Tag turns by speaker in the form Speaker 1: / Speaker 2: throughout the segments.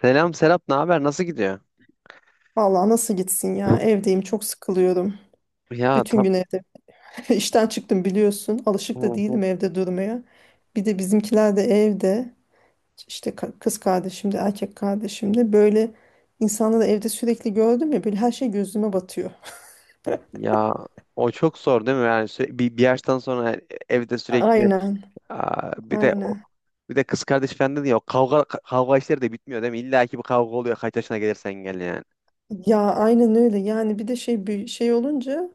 Speaker 1: Selam Serap, ne haber? Nasıl gidiyor?
Speaker 2: Vallahi nasıl gitsin ya? Evdeyim, çok sıkılıyorum.
Speaker 1: Ya
Speaker 2: Bütün
Speaker 1: tam.
Speaker 2: gün evde. İşten çıktım biliyorsun.
Speaker 1: Hı
Speaker 2: Alışık da
Speaker 1: hı.
Speaker 2: değilim evde durmaya. Bir de bizimkiler de evde. İşte kız kardeşim de erkek kardeşim de. Böyle insanları evde sürekli gördüm ya. Böyle her şey gözüme batıyor.
Speaker 1: Ya o çok zor değil mi? Yani bir yaştan sonra, yani evde sürekli.
Speaker 2: Aynen.
Speaker 1: Bir de
Speaker 2: Aynen.
Speaker 1: bir de kız kardeş falan dedi ya, o kavga, kavga işleri de bitmiyor değil mi? İlla ki bir kavga oluyor, kaç yaşına gelirsen gel yani.
Speaker 2: Ya aynen öyle. Yani bir de bir şey olunca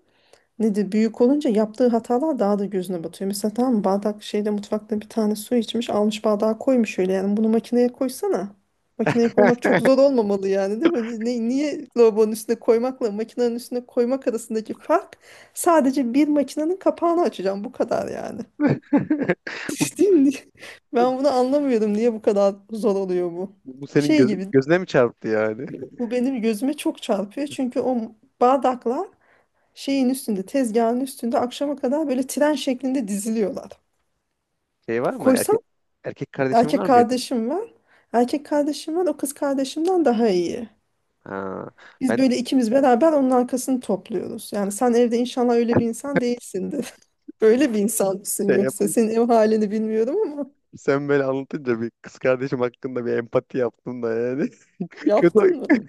Speaker 2: nedir, büyük olunca yaptığı hatalar daha da gözüne batıyor. Mesela tamam mı, bardak şeyde, mutfakta bir tane su içmiş, almış bardağa koymuş, öyle yani. Bunu makineye koysana. Makineye koymak çok zor olmamalı yani, değil mi? Niye lavabonun üstüne koymakla makinenin üstüne koymak arasındaki fark sadece bir makinenin kapağını açacağım, bu kadar yani.
Speaker 1: Bu,
Speaker 2: Değil mi?
Speaker 1: bu-
Speaker 2: Ben bunu anlamıyorum, niye bu kadar zor oluyor bu.
Speaker 1: bu senin
Speaker 2: Şey
Speaker 1: göz,
Speaker 2: gibi,
Speaker 1: gözüne mi çarptı yani?
Speaker 2: bu benim gözüme çok çarpıyor çünkü o bardaklar şeyin üstünde, tezgahın üstünde akşama kadar böyle tren şeklinde diziliyorlar.
Speaker 1: Şey var mı?
Speaker 2: Koysam
Speaker 1: Erkek kardeşin var
Speaker 2: erkek
Speaker 1: mıydı?
Speaker 2: kardeşim var. Erkek kardeşim var, o kız kardeşimden daha iyi.
Speaker 1: Ha,
Speaker 2: Biz
Speaker 1: ben
Speaker 2: böyle ikimiz beraber onun arkasını topluyoruz. Yani sen evde inşallah öyle bir insan değilsindir. Öyle bir insan mısın
Speaker 1: şey yap
Speaker 2: yoksa? Senin ev halini bilmiyorum ama
Speaker 1: sen böyle anlatınca bir kız kardeşim hakkında bir empati yaptım da yani. Kötü
Speaker 2: yaptın mı?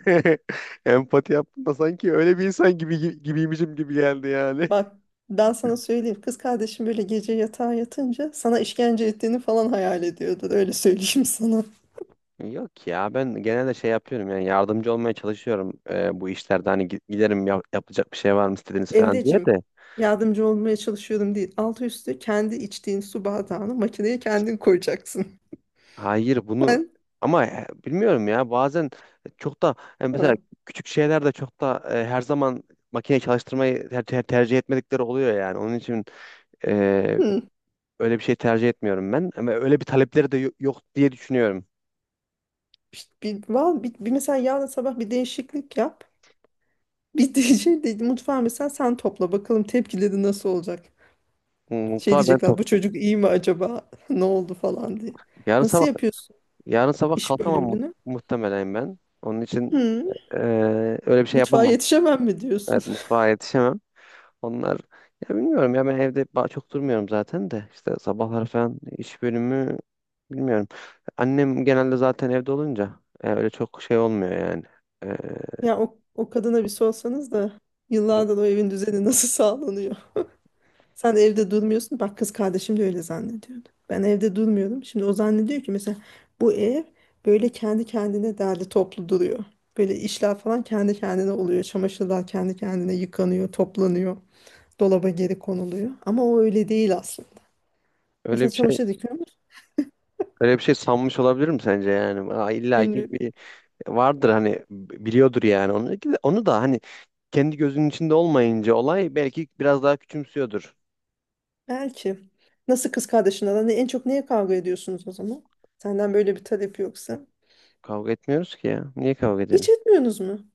Speaker 1: empati yaptım da sanki öyle bir insan gibi gibiymişim gibi geldi yani.
Speaker 2: Bak ben sana söyleyeyim. Kız kardeşim böyle gece yatağa yatınca sana işkence ettiğini falan hayal ediyordur. Öyle söyleyeyim sana.
Speaker 1: Yok ya, ben genelde şey yapıyorum yani, yardımcı olmaya çalışıyorum, bu işlerde hani giderim, yapılacak bir şey var mı istediğiniz falan diye
Speaker 2: Emreciğim,
Speaker 1: de
Speaker 2: yardımcı olmaya çalışıyorum değil. Altı üstü kendi içtiğin su bardağını makineye kendin koyacaksın.
Speaker 1: hayır bunu,
Speaker 2: Ben
Speaker 1: ama bilmiyorum ya, bazen çok da, yani mesela
Speaker 2: hı,
Speaker 1: küçük şeyler de çok da her zaman makine çalıştırmayı tercih etmedikleri oluyor, yani onun için
Speaker 2: hı.
Speaker 1: öyle bir şey tercih etmiyorum ben. Ama öyle bir talepleri de yok diye düşünüyorum.
Speaker 2: İşte bir mesela yarın sabah bir değişiklik yap. Bir diyecek de, mutfağı mesela sen topla bakalım tepkileri nasıl olacak. Şey
Speaker 1: Mutlaka ben
Speaker 2: diyecekler,
Speaker 1: top.
Speaker 2: bu çocuk iyi mi acaba ne oldu falan diye.
Speaker 1: Yarın
Speaker 2: Nasıl
Speaker 1: sabah
Speaker 2: yapıyorsun
Speaker 1: yarın sabah
Speaker 2: iş
Speaker 1: kalkamam
Speaker 2: bölümünü?
Speaker 1: muhtemelen ben. Onun için
Speaker 2: Hı,
Speaker 1: eee, öyle bir şey
Speaker 2: mutfağa
Speaker 1: yapamam.
Speaker 2: yetişemem mi diyorsun?
Speaker 1: Evet, mutfağa yetişemem. Onlar, ya bilmiyorum ya, ben evde çok durmuyorum zaten de, işte sabahlar falan iş bölümü bilmiyorum. Annem genelde zaten evde olunca öyle çok şey olmuyor yani. Eee,
Speaker 2: Ya o, o kadına bir sorsanız da yıllardır o evin düzeni nasıl sağlanıyor? Sen evde durmuyorsun. Bak kız kardeşim de öyle zannediyordu. Ben evde durmuyorum. Şimdi o zannediyor ki mesela bu ev böyle kendi kendine derli toplu duruyor. Böyle işler falan kendi kendine oluyor. Çamaşırlar kendi kendine yıkanıyor, toplanıyor. Dolaba geri konuluyor. Ama o öyle değil aslında. Mesela
Speaker 1: öyle bir şey
Speaker 2: çamaşır dikiyor musun?
Speaker 1: öyle bir şey sanmış olabilirim sence yani? Aa, illa ki
Speaker 2: Bilmiyorum.
Speaker 1: vardır hani, biliyordur yani onu. Onu da hani kendi gözünün içinde olmayınca, olay belki biraz daha küçümsüyordur.
Speaker 2: Belki. Nasıl kız kardeşinle aran? En çok neye kavga ediyorsunuz o zaman? Senden böyle bir talep yoksa.
Speaker 1: Kavga etmiyoruz ki ya. Niye kavga
Speaker 2: Hiç
Speaker 1: edelim?
Speaker 2: etmiyorsunuz mu?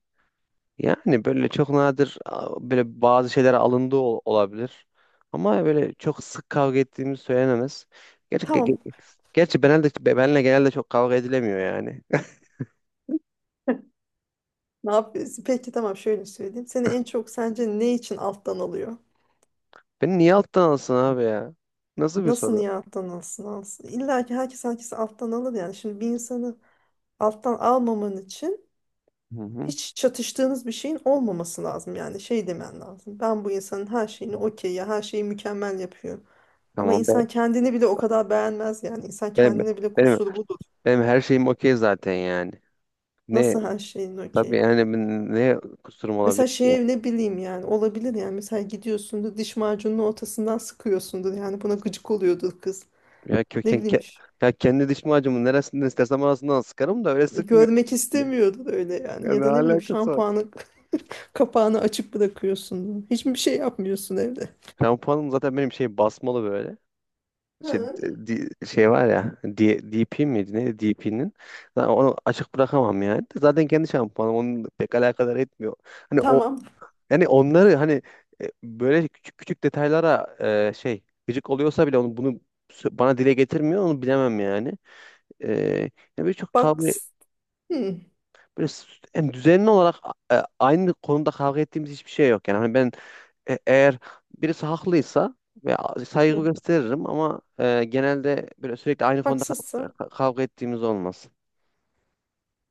Speaker 1: Yani böyle çok nadir böyle bazı şeyler alındığı olabilir. Ama böyle çok sık kavga ettiğimiz söylenemez. Gerçi, ge-
Speaker 2: Tamam.
Speaker 1: ge- gerçi, benle genelde çok kavga edilemiyor yani.
Speaker 2: Ne yapıyorsun? Peki tamam, şöyle söyleyeyim. Seni en çok sence ne için alttan alıyor?
Speaker 1: Beni niye alttan alsın abi ya? Nasıl bir
Speaker 2: Nasıl
Speaker 1: soru?
Speaker 2: niye alttan alsın? İlla ki herkes herkesi alttan alır yani. Şimdi bir insanı alttan almaman için
Speaker 1: Hı hı.
Speaker 2: hiç çatıştığınız bir şeyin olmaması lazım. Yani şey demen lazım: ben bu insanın her şeyini okey ya, her şeyi mükemmel yapıyor. Ama
Speaker 1: Tamam.
Speaker 2: insan
Speaker 1: ben,
Speaker 2: kendini bile o kadar beğenmez yani. İnsan
Speaker 1: benim,
Speaker 2: kendine bile
Speaker 1: benim,
Speaker 2: kusuru budur.
Speaker 1: benim her şeyim okey zaten yani. Ne.
Speaker 2: Nasıl her şeyin
Speaker 1: Tabii
Speaker 2: okey?
Speaker 1: yani ne kusurum olabilir
Speaker 2: Mesela
Speaker 1: ki?
Speaker 2: şey, ne bileyim yani, olabilir yani. Mesela gidiyorsundur, diş macununun ortasından sıkıyorsundur yani, buna gıcık oluyordur kız.
Speaker 1: Ya
Speaker 2: Ne
Speaker 1: köken
Speaker 2: bileyim
Speaker 1: ke- ya kendi diş macunu neresinden istersem arasından sıkarım da, öyle sıkmıyor.
Speaker 2: görmek istemiyordur öyle yani,
Speaker 1: Ya
Speaker 2: ya
Speaker 1: ne
Speaker 2: da ne bileyim
Speaker 1: alakası var?
Speaker 2: şampuanı kapağını açık bırakıyorsundur. Hiçbir şey yapmıyorsun evde.
Speaker 1: Şampuanım zaten benim şey basmalı böyle. Şey,
Speaker 2: Hı.
Speaker 1: şey var ya, DP miydi neydi, DP'nin onu açık bırakamam yani, zaten kendi şampuanım onun pek alakadar etmiyor, hani o,
Speaker 2: Tamam,
Speaker 1: yani onları hani böyle küçük küçük detaylara, şey gıcık oluyorsa bile onu bunu bana dile getirmiyor, onu bilemem yani. e, Ya birçok
Speaker 2: bak
Speaker 1: kavga
Speaker 2: hı.
Speaker 1: böyle yani düzenli olarak aynı konuda kavga ettiğimiz hiçbir şey yok. Yani hani ben eğer birisi haklıysa ve saygı
Speaker 2: Hı.
Speaker 1: gösteririm, ama genelde böyle sürekli aynı konuda
Speaker 2: Haksızsın,
Speaker 1: kavga ettiğimiz olmaz.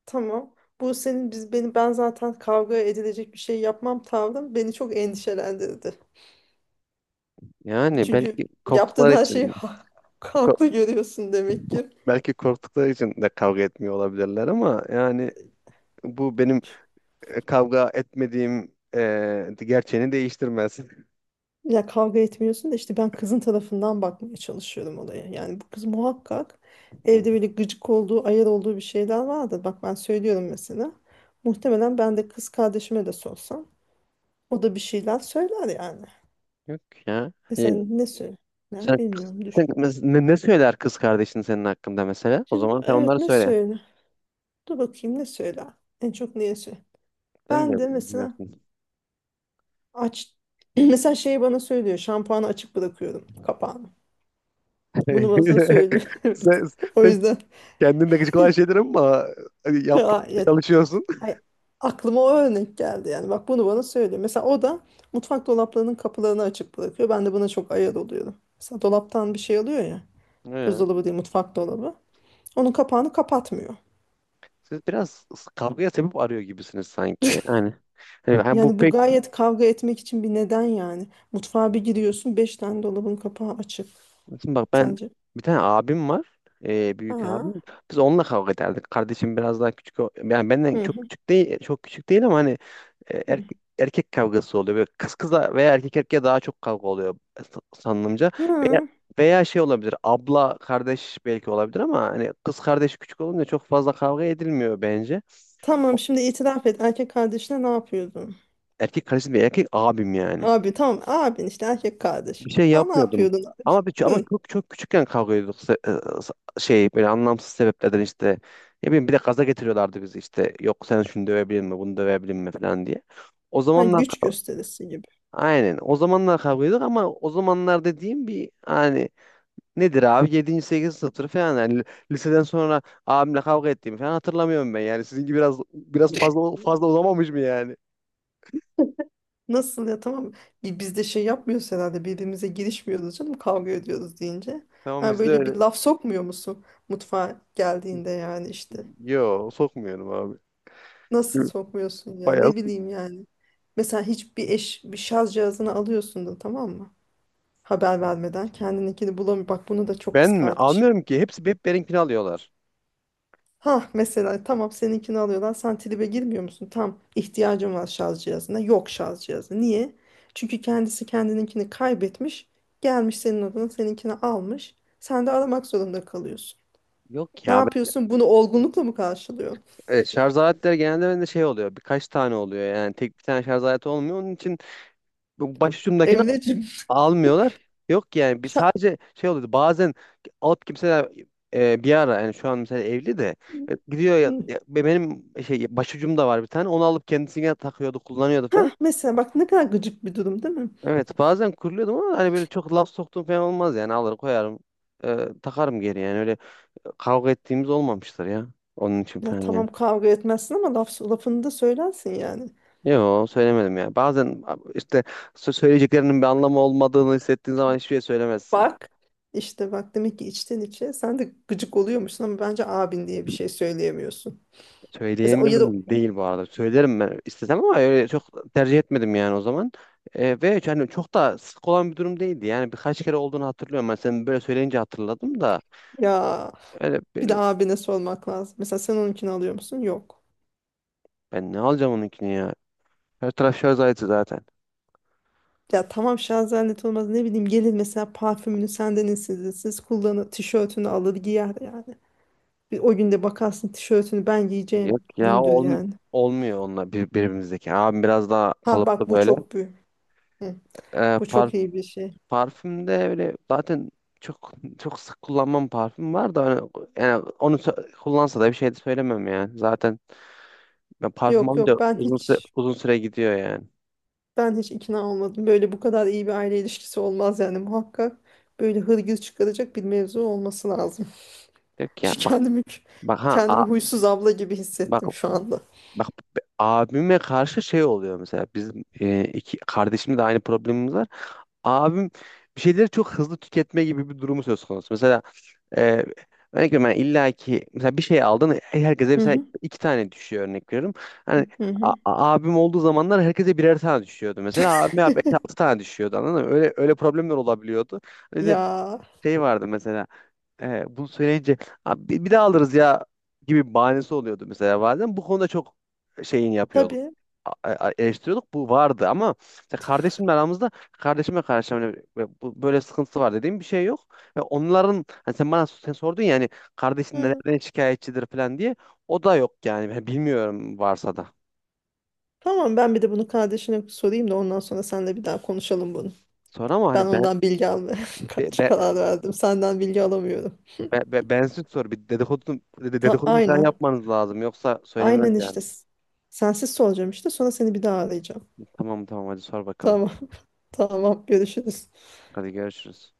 Speaker 2: tamam. Bu senin biz beni ben zaten kavga edilecek bir şey yapmam tavrım beni çok endişelendirdi.
Speaker 1: Yani
Speaker 2: Çünkü
Speaker 1: belki
Speaker 2: yaptığın
Speaker 1: korktukları
Speaker 2: her şeyi
Speaker 1: için, ko-
Speaker 2: haklı görüyorsun demek ki.
Speaker 1: belki korktukları için de kavga etmiyor olabilirler, ama yani bu benim kavga etmediğim gerçeğini değiştirmez.
Speaker 2: Ya kavga etmiyorsun da işte ben kızın tarafından bakmaya çalışıyorum olaya. Yani bu kız muhakkak
Speaker 1: Hı.
Speaker 2: evde böyle gıcık olduğu, ayar olduğu bir şeyler vardır. Bak ben söylüyorum mesela. Muhtemelen ben kız kardeşime de sorsam o da bir şeyler söyler yani.
Speaker 1: Yok ya. İyi.
Speaker 2: Mesela ne söyler,
Speaker 1: Sen,
Speaker 2: bilmiyorum,
Speaker 1: sen
Speaker 2: düşün.
Speaker 1: ne söyler kız kardeşin senin hakkında mesela? O
Speaker 2: Şimdi
Speaker 1: zaman sen
Speaker 2: evet,
Speaker 1: onları
Speaker 2: ne
Speaker 1: söyle.
Speaker 2: söyler? Dur bakayım ne söyler? En çok neye söyler?
Speaker 1: Sen
Speaker 2: Ben
Speaker 1: bile
Speaker 2: de mesela
Speaker 1: bilmiyorsun.
Speaker 2: aç mesela şeyi bana söylüyor. Şampuanı açık bırakıyorum kapağını. Bunu bana söylüyor. Evet.
Speaker 1: Sen,
Speaker 2: O
Speaker 1: sen
Speaker 2: yüzden
Speaker 1: kendin de gıcık olan şeyler ama hani
Speaker 2: ya,
Speaker 1: yapmaya çalışıyorsun.
Speaker 2: hayır, aklıma o örnek geldi yani. Bak bunu bana söylüyor. Mesela o da mutfak dolaplarının kapılarını açık bırakıyor. Ben de buna çok ayar oluyorum. Mesela dolaptan bir şey alıyor ya.
Speaker 1: He.
Speaker 2: Buzdolabı değil, mutfak dolabı. Onun kapağını kapatmıyor.
Speaker 1: Siz biraz kavgaya sebep arıyor gibisiniz sanki. Yani, hani bu
Speaker 2: Yani bu
Speaker 1: pek...
Speaker 2: gayet kavga etmek için bir neden yani. Mutfağa bir giriyorsun, beş tane dolabın kapağı açık.
Speaker 1: Şimdi bak, ben
Speaker 2: Sence?
Speaker 1: bir tane abim var. Büyük
Speaker 2: Ha.
Speaker 1: abim. Biz onunla kavga ederdik. Kardeşim biraz daha küçük. Yani benden
Speaker 2: Hı
Speaker 1: çok
Speaker 2: hı
Speaker 1: küçük değil, çok küçük değil, ama hani e,
Speaker 2: hı.
Speaker 1: erkek, erkek kavgası oluyor. Böyle kız kıza veya erkek erkeğe daha çok kavga oluyor sanılımca. Veya,
Speaker 2: Hı.
Speaker 1: veya şey olabilir, abla kardeş belki olabilir, ama hani kız kardeş küçük olunca çok fazla kavga edilmiyor bence.
Speaker 2: Tamam şimdi itiraf et. Erkek kardeşine ne yapıyordun?
Speaker 1: Erkek kardeşim değil, erkek abim yani.
Speaker 2: Abi tamam, abin işte erkek kardeş.
Speaker 1: Bir şey
Speaker 2: Ha, ne
Speaker 1: yapmıyordum.
Speaker 2: yapıyordun abi?
Speaker 1: Ama ama
Speaker 2: Hı.
Speaker 1: çok çok küçükken kavga ediyorduk. Sa- Şey, böyle anlamsız sebeplerden işte, ne bileyim, bir de gaza getiriyorlardı bizi işte, yok sen şunu dövebilir mi bunu dövebilir mi falan diye. O
Speaker 2: Ha,
Speaker 1: zamanlar,
Speaker 2: güç gösterisi gibi.
Speaker 1: aynen. O zamanlar kavga ediyorduk, ama o zamanlar dediğim bir hani, nedir abi, yedinci sekizinci sınıftır falan yani, liseden sonra abimle kavga ettiğimi falan hatırlamıyorum ben. Yani sizinki biraz fazla uzamamış mı yani?
Speaker 2: Nasıl ya, tamam. Biz de şey yapmıyoruz herhalde, birbirimize girişmiyoruz canım kavga ediyoruz deyince.
Speaker 1: Tamam,
Speaker 2: Ha
Speaker 1: bizde
Speaker 2: böyle bir
Speaker 1: öyle.
Speaker 2: laf sokmuyor musun mutfağa geldiğinde yani işte.
Speaker 1: Yo, sokmuyorum abi.
Speaker 2: Nasıl sokmuyorsun ya,
Speaker 1: Bayağı.
Speaker 2: ne bileyim yani. Mesela hiçbir eş, bir şarj cihazını alıyorsun da tamam mı? Haber vermeden kendininkini bulamıyor. Bak bunu da çok
Speaker 1: Ben
Speaker 2: kız.
Speaker 1: mi? Almıyorum ki. Hepsi hep benimkini alıyorlar.
Speaker 2: Ha mesela, tamam, seninkini alıyorlar. Sen tribe girmiyor musun? Tam ihtiyacım var şarj cihazına. Yok şarj cihazı. Niye? Çünkü kendisi kendininkini kaybetmiş. Gelmiş senin odana seninkini almış. Sen de aramak zorunda kalıyorsun.
Speaker 1: Yok
Speaker 2: Ne
Speaker 1: ya.
Speaker 2: yapıyorsun? Bunu olgunlukla mı karşılıyorsun?
Speaker 1: Evet, şarj aletleri genelde bende şey oluyor. Birkaç tane oluyor yani. Tek bir tane şarj aleti olmuyor. Onun için bu başucumdakini
Speaker 2: Emreciğim.
Speaker 1: almıyorlar. Yok yani, biz
Speaker 2: şa-
Speaker 1: sadece şey oluyordu bazen, alıp kimseler, bir ara yani şu an mesela evli de, gidiyor ya,
Speaker 2: hı.
Speaker 1: benim şey başucum da var bir tane, onu alıp kendisine takıyordu kullanıyordu falan.
Speaker 2: Hah, mesela bak ne kadar gıcık bir durum, değil mi?
Speaker 1: Evet bazen kuruluyordum, ama hani böyle çok laf soktuğum falan olmaz yani, alır koyarım, e, takarım geri yani, öyle kavga ettiğimiz olmamıştır ya, onun için
Speaker 2: Ya
Speaker 1: falan
Speaker 2: tamam
Speaker 1: yani.
Speaker 2: kavga etmezsin ama lafını da söylersin yani.
Speaker 1: Yok söylemedim ya. Bazen işte söyleyeceklerinin bir anlamı olmadığını hissettiğin zaman hiçbir şey söylemezsin.
Speaker 2: Bak işte, bak demek ki içten içe sen de gıcık oluyormuşsun ama bence abin diye bir şey söyleyemiyorsun. Mesela o ya da
Speaker 1: Söyleyemiyorum değil bu arada. Söylerim ben istesem, ama öyle çok tercih etmedim yani o zaman. Ve yani çok da sık olan bir durum değildi. Yani birkaç kere olduğunu hatırlıyorum. Ben, sen böyle söyleyince hatırladım da
Speaker 2: ya
Speaker 1: öyle
Speaker 2: bir de
Speaker 1: böyle,
Speaker 2: abine sormak lazım. Mesela sen onunkini alıyor musun? Yok.
Speaker 1: ben ne alacağım onunkini ya. Her taraf şarj aleti zaten.
Speaker 2: Ya tamam şarj olmaz, ne bileyim, gelir mesela parfümünü senden esirsiz kullanır, tişörtünü alır giyer yani. Bir o günde bakarsın, tişörtünü ben giyeceğim
Speaker 1: Yok ya,
Speaker 2: gündür yani.
Speaker 1: olmuyor onunla, birbirimizdeki. Abim biraz daha
Speaker 2: Ha
Speaker 1: kalıplı
Speaker 2: bak bu
Speaker 1: böyle.
Speaker 2: çok büyük. Hı,
Speaker 1: E,
Speaker 2: bu
Speaker 1: par,
Speaker 2: çok iyi bir şey.
Speaker 1: Parfümde öyle zaten, çok çok sık kullanmam, parfüm var da hani- yani onu kullansa da bir şey de söylemem yani. Zaten ben parfüm
Speaker 2: Yok
Speaker 1: alınca
Speaker 2: yok, ben
Speaker 1: uzun süre,
Speaker 2: hiç
Speaker 1: uzun süre gidiyor yani.
Speaker 2: ben hiç ikna olmadım. Böyle bu kadar iyi bir aile ilişkisi olmaz yani muhakkak. Böyle hırgür çıkaracak bir mevzu olması lazım.
Speaker 1: Diyor ki ya
Speaker 2: Şu
Speaker 1: bak,
Speaker 2: kendimi
Speaker 1: bak ha
Speaker 2: Kendimi
Speaker 1: a-
Speaker 2: huysuz abla gibi
Speaker 1: bak
Speaker 2: hissettim şu anda.
Speaker 1: bak, abime karşı şey oluyor mesela, bizim iki kardeşimle de aynı problemimiz var. Abim bir şeyleri çok hızlı tüketme gibi bir durumu söz konusu. Mesela e, örnek veriyorum, ben illa ki mesela bir şey aldın, herkese
Speaker 2: Hı
Speaker 1: mesela
Speaker 2: hı,
Speaker 1: iki tane düşüyor örnek veriyorum. Hani
Speaker 2: hı
Speaker 1: a-
Speaker 2: hı.
Speaker 1: a- abim olduğu zamanlar herkese birer tane düşüyordu. Mesela abime abi altı tane düşüyordu, anladın mı? Öyle öyle problemler olabiliyordu. Bir de
Speaker 2: Ya
Speaker 1: şey vardı mesela, bunu söyleyince "Abi bir daha alırız ya" gibi bahanesi oluyordu mesela bazen. Bu konuda çok şeyin yapıyorduk.
Speaker 2: tabii.
Speaker 1: Eleştiriyorduk. Bu vardı, ama işte kardeşimle aramızda, kardeşime karşı hani böyle böyle sıkıntısı var dediğim bir şey yok. Ve onların hani sen sordun ya hani, kardeşin
Speaker 2: Hı.
Speaker 1: nereden şikayetçidir falan diye. O da yok yani. Ben bilmiyorum, varsa da.
Speaker 2: Tamam, ben bir de bunu kardeşine sorayım da ondan sonra seninle bir daha konuşalım bunu.
Speaker 1: Sonra ama
Speaker 2: Ben
Speaker 1: hani
Speaker 2: ondan bilgi almaya
Speaker 1: be,
Speaker 2: kaç
Speaker 1: be,
Speaker 2: karar verdim. Senden bilgi alamıyorum.
Speaker 1: bensiz sor, bir
Speaker 2: Ta
Speaker 1: dedikodu mu falan
Speaker 2: aynen.
Speaker 1: yapmanız lazım, yoksa söylemez
Speaker 2: Aynen işte.
Speaker 1: yani.
Speaker 2: Sensiz soracağım işte. Sonra seni bir daha arayacağım.
Speaker 1: Tamam tamam, hadi sor bakalım.
Speaker 2: Tamam. Tamam. Görüşürüz.
Speaker 1: Hadi görüşürüz.